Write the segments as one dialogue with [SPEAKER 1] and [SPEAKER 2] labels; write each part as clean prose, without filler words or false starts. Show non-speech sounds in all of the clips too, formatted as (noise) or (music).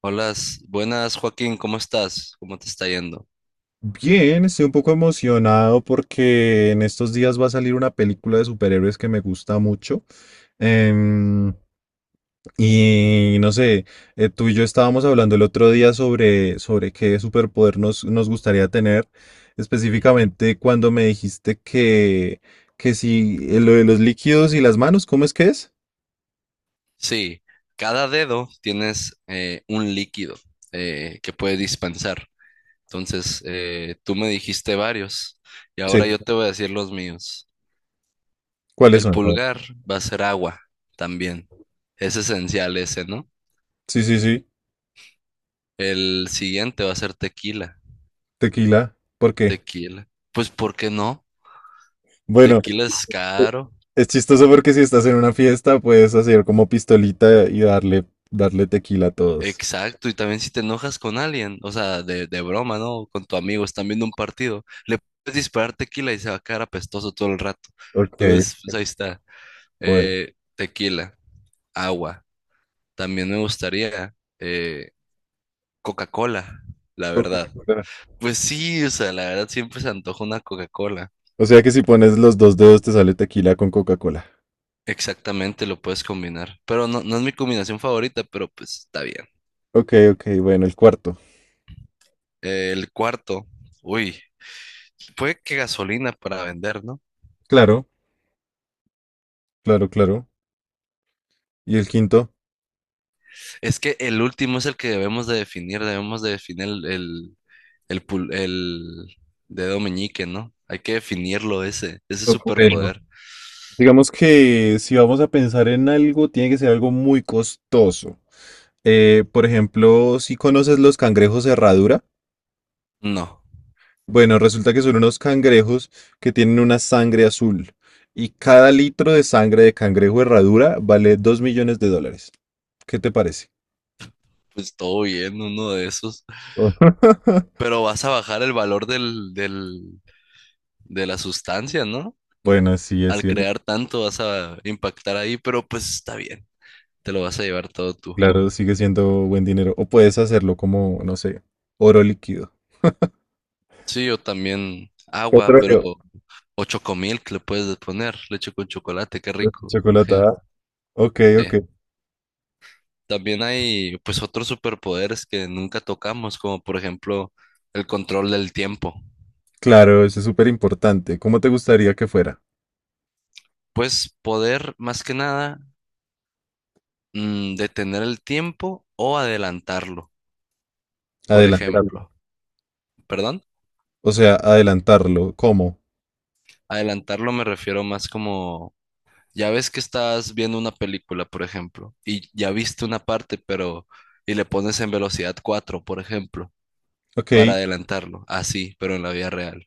[SPEAKER 1] Hola, buenas Joaquín, ¿cómo estás? ¿Cómo te está yendo?
[SPEAKER 2] Bien, estoy un poco emocionado porque en estos días va a salir una película de superhéroes que me gusta mucho. Em, y no sé, tú y yo estábamos hablando el otro día sobre qué superpoder nos gustaría tener, específicamente cuando me dijiste que si lo de los líquidos y las manos, ¿cómo es que es?
[SPEAKER 1] Sí, cada dedo tienes un líquido que puede dispensar. Entonces, tú me dijiste varios y
[SPEAKER 2] Sí.
[SPEAKER 1] ahora yo te voy a decir los míos.
[SPEAKER 2] ¿Cuáles
[SPEAKER 1] El
[SPEAKER 2] son? A ver.
[SPEAKER 1] pulgar va a ser agua también. Es esencial ese, ¿no?
[SPEAKER 2] Sí, sí, sí,
[SPEAKER 1] El siguiente va a ser tequila.
[SPEAKER 2] tequila. ¿Por qué?
[SPEAKER 1] Tequila. Pues, ¿por qué no?
[SPEAKER 2] Bueno.
[SPEAKER 1] Tequila es caro.
[SPEAKER 2] Es chistoso porque si estás en una fiesta puedes hacer como pistolita y darle tequila a todos.
[SPEAKER 1] Exacto, y también si te enojas con alguien, o sea, de broma, ¿no? Con tu amigo, están viendo un partido, le puedes disparar tequila y se va a quedar apestoso todo el rato.
[SPEAKER 2] Ok,
[SPEAKER 1] Entonces, pues ahí está.
[SPEAKER 2] bueno.
[SPEAKER 1] Tequila, agua. También me gustaría eh, Coca-Cola, la verdad.
[SPEAKER 2] Coca-Cola.
[SPEAKER 1] Pues sí, o sea, la verdad siempre se antoja una Coca-Cola.
[SPEAKER 2] O sea que si pones los dos dedos te sale tequila con Coca-Cola.
[SPEAKER 1] Exactamente, lo puedes combinar. Pero no, no es mi combinación favorita, pero pues está bien.
[SPEAKER 2] Ok, ok, bueno, el cuarto.
[SPEAKER 1] El cuarto, uy, puede que gasolina para vender, no.
[SPEAKER 2] Claro, claro, claro. ¿Y el quinto?
[SPEAKER 1] Es que el último es el que debemos de definir el dedo meñique, ¿no? Hay que definirlo ese, ese
[SPEAKER 2] Bueno.
[SPEAKER 1] superpoder.
[SPEAKER 2] Digamos que si vamos a pensar en algo, tiene que ser algo muy costoso. Por ejemplo, si conoces los cangrejos herradura.
[SPEAKER 1] No,
[SPEAKER 2] Bueno, resulta que son unos cangrejos que tienen una sangre azul y cada litro de sangre de cangrejo herradura vale 2 millones de dólares. ¿Qué te parece?
[SPEAKER 1] pues todo bien, uno de esos.
[SPEAKER 2] (laughs)
[SPEAKER 1] Pero vas a bajar el valor de la sustancia, ¿no?
[SPEAKER 2] Bueno, sí, es
[SPEAKER 1] Al
[SPEAKER 2] cierto.
[SPEAKER 1] crear tanto vas a impactar ahí, pero pues está bien, te lo vas a llevar todo tú.
[SPEAKER 2] Claro, sigue siendo buen dinero. O puedes hacerlo como, no sé, oro líquido.
[SPEAKER 1] Sí, yo también agua, pero
[SPEAKER 2] Petróleo.
[SPEAKER 1] o chocomilk le puedes poner, leche con chocolate, qué rico.
[SPEAKER 2] Chocolatada.
[SPEAKER 1] Imagínate.
[SPEAKER 2] Ok, ok.
[SPEAKER 1] También hay pues otros superpoderes que nunca tocamos, como por ejemplo el control del tiempo.
[SPEAKER 2] Claro, eso es súper importante. ¿Cómo te gustaría que fuera?
[SPEAKER 1] Pues poder más que nada detener el tiempo o adelantarlo, por
[SPEAKER 2] Adelantarlo.
[SPEAKER 1] ejemplo. ¿Perdón?
[SPEAKER 2] O sea, adelantarlo. ¿Cómo?
[SPEAKER 1] Adelantarlo me refiero más como, ya ves que estás viendo una película, por ejemplo, y ya viste una parte, pero y le pones en velocidad 4 por ejemplo,
[SPEAKER 2] Ok,
[SPEAKER 1] para adelantarlo, así, pero en la vida real.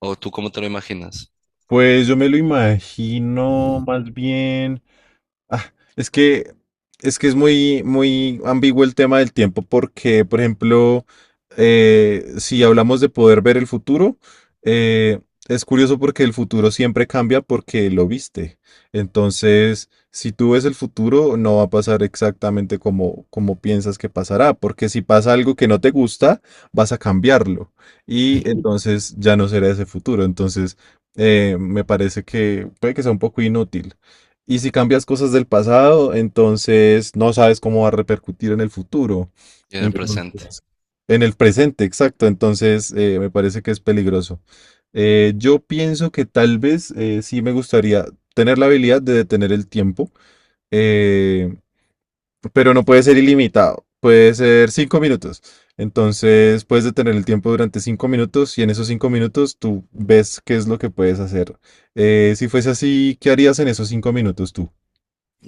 [SPEAKER 1] ¿O tú cómo te lo imaginas?
[SPEAKER 2] pues yo me lo imagino más bien. Ah, es que es muy, muy ambiguo el tema del tiempo porque, por ejemplo, si hablamos de poder ver el futuro, eh, es curioso porque el futuro siempre cambia porque lo viste. Entonces, si tú ves el futuro, no va a pasar exactamente como piensas que pasará, porque si pasa algo que no te gusta, vas a cambiarlo
[SPEAKER 1] Ujú.
[SPEAKER 2] y entonces ya no será ese futuro. Entonces, me parece que puede que sea un poco inútil. Y si cambias cosas del pasado, entonces no sabes cómo va a repercutir en el futuro.
[SPEAKER 1] Y en el presente.
[SPEAKER 2] Entonces, en el presente, exacto. Entonces, me parece que es peligroso. Yo pienso que tal vez sí me gustaría tener la habilidad de detener el tiempo, eh, pero no puede ser ilimitado. Puede ser 5 minutos. Entonces, puedes detener el tiempo durante 5 minutos y en esos 5 minutos tú ves qué es lo que puedes hacer. Si fuese así, ¿qué harías en esos 5 minutos tú?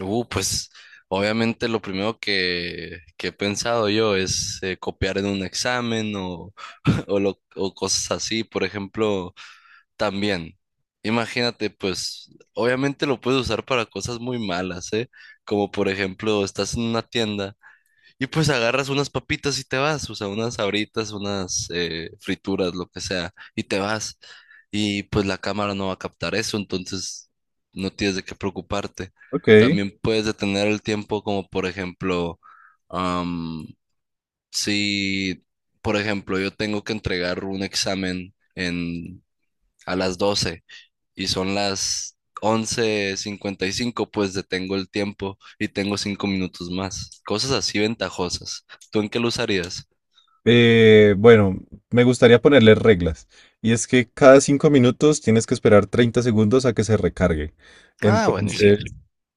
[SPEAKER 1] Pues obviamente lo primero que he pensado yo es copiar en un examen o, (laughs) o, o cosas así. Por ejemplo, también, imagínate, pues obviamente lo puedes usar para cosas muy malas, ¿eh? Como por ejemplo, estás en una tienda y pues agarras unas papitas y te vas, o sea, unas sabritas, unas frituras, lo que sea, y te vas. Y pues la cámara no va a captar eso, entonces no tienes de qué preocuparte.
[SPEAKER 2] Ok,
[SPEAKER 1] También puedes detener el tiempo como por ejemplo, am, si, por ejemplo, yo tengo que entregar un examen en, a las 12 y son las 11:55, pues detengo el tiempo y tengo 5 minutos más. Cosas así ventajosas. ¿Tú en qué lo usarías?
[SPEAKER 2] bueno, me gustaría ponerle reglas. Y es que cada 5 minutos tienes que esperar 30 segundos a que se recargue.
[SPEAKER 1] Ah, buenísimo.
[SPEAKER 2] Entonces,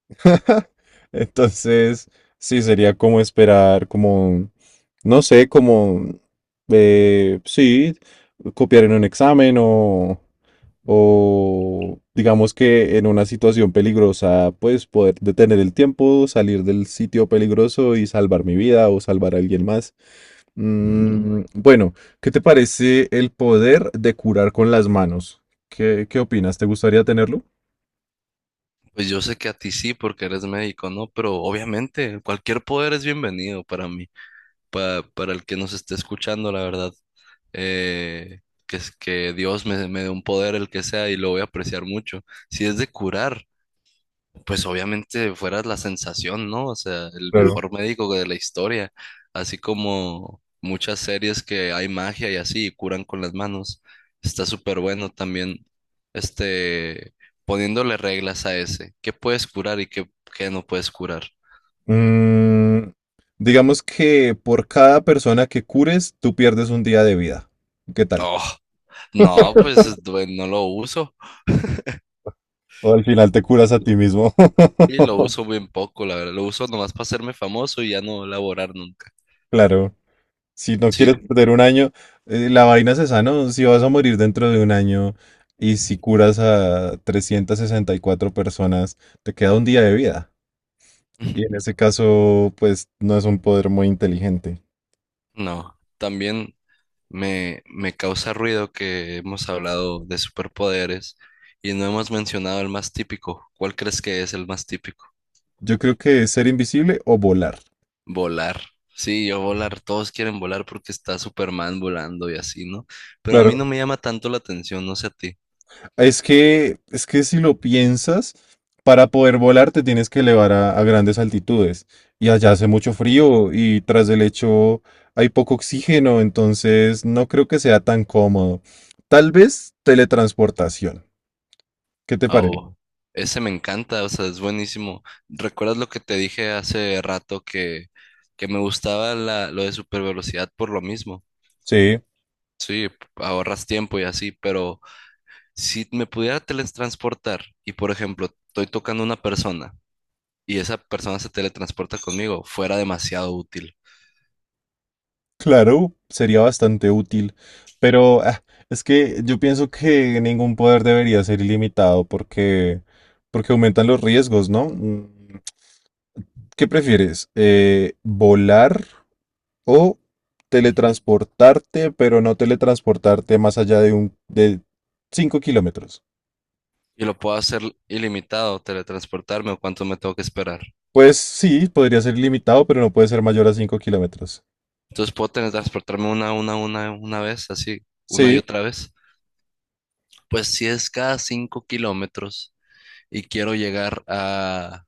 [SPEAKER 2] (laughs) entonces, sí, sería como esperar, como, no sé, como, sí, copiar en un examen o digamos que en una situación peligrosa, pues poder detener el tiempo, salir del sitio peligroso y salvar mi vida o salvar a alguien más. Bueno, ¿qué te parece el poder de curar con las manos? ¿Qué, qué opinas? ¿Te gustaría tenerlo?
[SPEAKER 1] Pues yo sé que a ti sí, porque eres médico, ¿no? Pero obviamente cualquier poder es bienvenido para mí, para el que nos esté escuchando, la verdad. Eh, que es que Dios me dé un poder, el que sea, y lo voy a apreciar mucho. Si es de curar, pues obviamente fuera la sensación, ¿no? O sea, el
[SPEAKER 2] Claro.
[SPEAKER 1] mejor médico de la historia, así como muchas series que hay magia y así, y curan con las manos. Está súper bueno también, este, poniéndole reglas a ese. ¿Qué puedes curar y qué, qué no puedes curar?
[SPEAKER 2] Mm, digamos que por cada persona que cures, tú pierdes un día de vida. ¿Qué tal?
[SPEAKER 1] Oh, no, pues no lo uso.
[SPEAKER 2] O al final te curas a ti mismo.
[SPEAKER 1] Y lo uso
[SPEAKER 2] (laughs)
[SPEAKER 1] bien poco, la verdad. Lo uso nomás para hacerme famoso y ya no laborar nunca.
[SPEAKER 2] Claro. Si no
[SPEAKER 1] Sí.
[SPEAKER 2] quieres perder un año, la vaina se sana, o si vas a morir dentro de un año y si curas a 364 personas, te queda un día de vida. Y en
[SPEAKER 1] (laughs)
[SPEAKER 2] ese caso, pues no es un poder muy inteligente.
[SPEAKER 1] No, también. Me causa ruido que hemos hablado de superpoderes y no hemos mencionado el más típico. ¿Cuál crees que es el más típico?
[SPEAKER 2] Yo creo que es ser invisible o volar.
[SPEAKER 1] Volar. Sí, yo volar, todos quieren volar porque está Superman volando y así, ¿no? Pero a mí no
[SPEAKER 2] Claro,
[SPEAKER 1] me llama tanto la atención, no sé a ti.
[SPEAKER 2] es que si lo piensas, para poder volar te tienes que elevar a grandes altitudes. Y allá hace mucho frío y tras el hecho hay poco oxígeno, entonces no creo que sea tan cómodo. Tal vez teletransportación. ¿Qué te parece?
[SPEAKER 1] Oh, ese me encanta, o sea, es buenísimo. ¿Recuerdas lo que te dije hace rato que me gustaba la, lo de super velocidad por lo mismo?
[SPEAKER 2] Sí,
[SPEAKER 1] Sí, ahorras tiempo y así, pero... Si me pudiera teletransportar y, por ejemplo, estoy tocando a una persona y esa persona se teletransporta conmigo, fuera demasiado útil.
[SPEAKER 2] claro, sería bastante útil. Pero es que yo pienso que ningún poder debería ser ilimitado, porque aumentan los riesgos, ¿no? ¿Qué prefieres? ¿Volar? O teletransportarte, pero no teletransportarte más allá de un de 5 kilómetros.
[SPEAKER 1] Y lo puedo hacer ilimitado, teletransportarme o cuánto me tengo que esperar.
[SPEAKER 2] Pues sí, podría ser ilimitado, pero no puede ser mayor a 5 kilómetros.
[SPEAKER 1] Entonces puedo teletransportarme una vez, así, una y
[SPEAKER 2] Sí,
[SPEAKER 1] otra vez. Pues si es cada 5 kilómetros y quiero llegar a,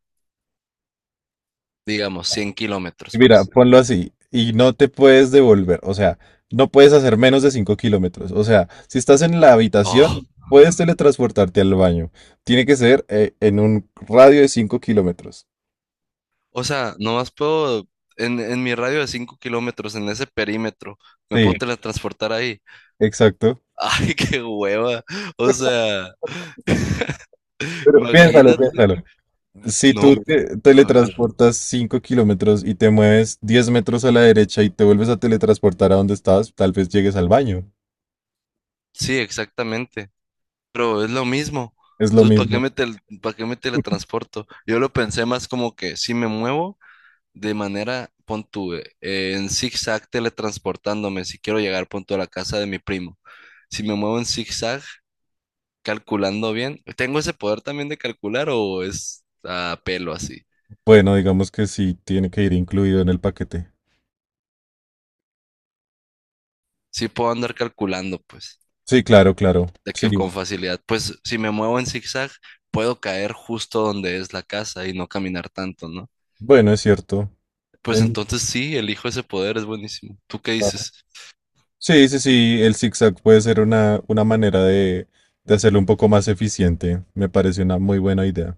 [SPEAKER 1] digamos, 100 kilómetros,
[SPEAKER 2] mira,
[SPEAKER 1] pues.
[SPEAKER 2] ponlo así. Y no te puedes devolver, o sea, no puedes hacer menos de 5 kilómetros. O sea, si estás en la habitación,
[SPEAKER 1] Oh,
[SPEAKER 2] puedes teletransportarte al baño. Tiene que ser en un radio de 5 kilómetros.
[SPEAKER 1] o sea, nomás puedo, en mi radio de 5 kilómetros, en ese perímetro, me
[SPEAKER 2] Sí,
[SPEAKER 1] puedo teletransportar ahí.
[SPEAKER 2] exacto.
[SPEAKER 1] Ay, qué hueva. O sea,
[SPEAKER 2] Piénsalo,
[SPEAKER 1] imagínate.
[SPEAKER 2] piénsalo. Si tú
[SPEAKER 1] No,
[SPEAKER 2] te
[SPEAKER 1] a ver.
[SPEAKER 2] teletransportas 5 kilómetros y te mueves 10 metros a la derecha y te vuelves a teletransportar a donde estabas, tal vez llegues al baño.
[SPEAKER 1] Sí, exactamente. Pero es lo mismo.
[SPEAKER 2] Es lo
[SPEAKER 1] Entonces, ¿para qué
[SPEAKER 2] mismo.
[SPEAKER 1] me para qué me teletransporto? Yo lo pensé más como que si me muevo de manera, pon tú, en zigzag teletransportándome, si quiero llegar, pon tú, a la casa de mi primo. Si me muevo en zigzag, calculando bien, ¿tengo ese poder también de calcular o es a pelo así?
[SPEAKER 2] Bueno, digamos que sí, tiene que ir incluido en el paquete.
[SPEAKER 1] Sí puedo andar calculando, pues.
[SPEAKER 2] Sí, claro, claro.
[SPEAKER 1] De
[SPEAKER 2] Sí.
[SPEAKER 1] que con facilidad, pues si me muevo en zigzag, puedo caer justo donde es la casa y no caminar tanto, ¿no?
[SPEAKER 2] Bueno, es cierto.
[SPEAKER 1] Pues
[SPEAKER 2] En-
[SPEAKER 1] entonces sí, elijo ese poder, es buenísimo. ¿Tú qué
[SPEAKER 2] ah,
[SPEAKER 1] dices?
[SPEAKER 2] Sí, sí, sí, el zigzag puede ser una manera de hacerlo un poco más eficiente. Me parece una muy buena idea.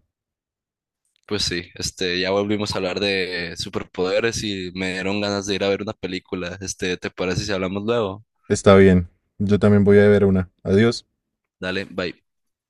[SPEAKER 1] Pues sí, este, ya volvimos a hablar de superpoderes y me dieron ganas de ir a ver una película. Este, ¿te parece si hablamos luego?
[SPEAKER 2] Está bien. Yo también voy a ver una. Adiós.
[SPEAKER 1] Dale, bye.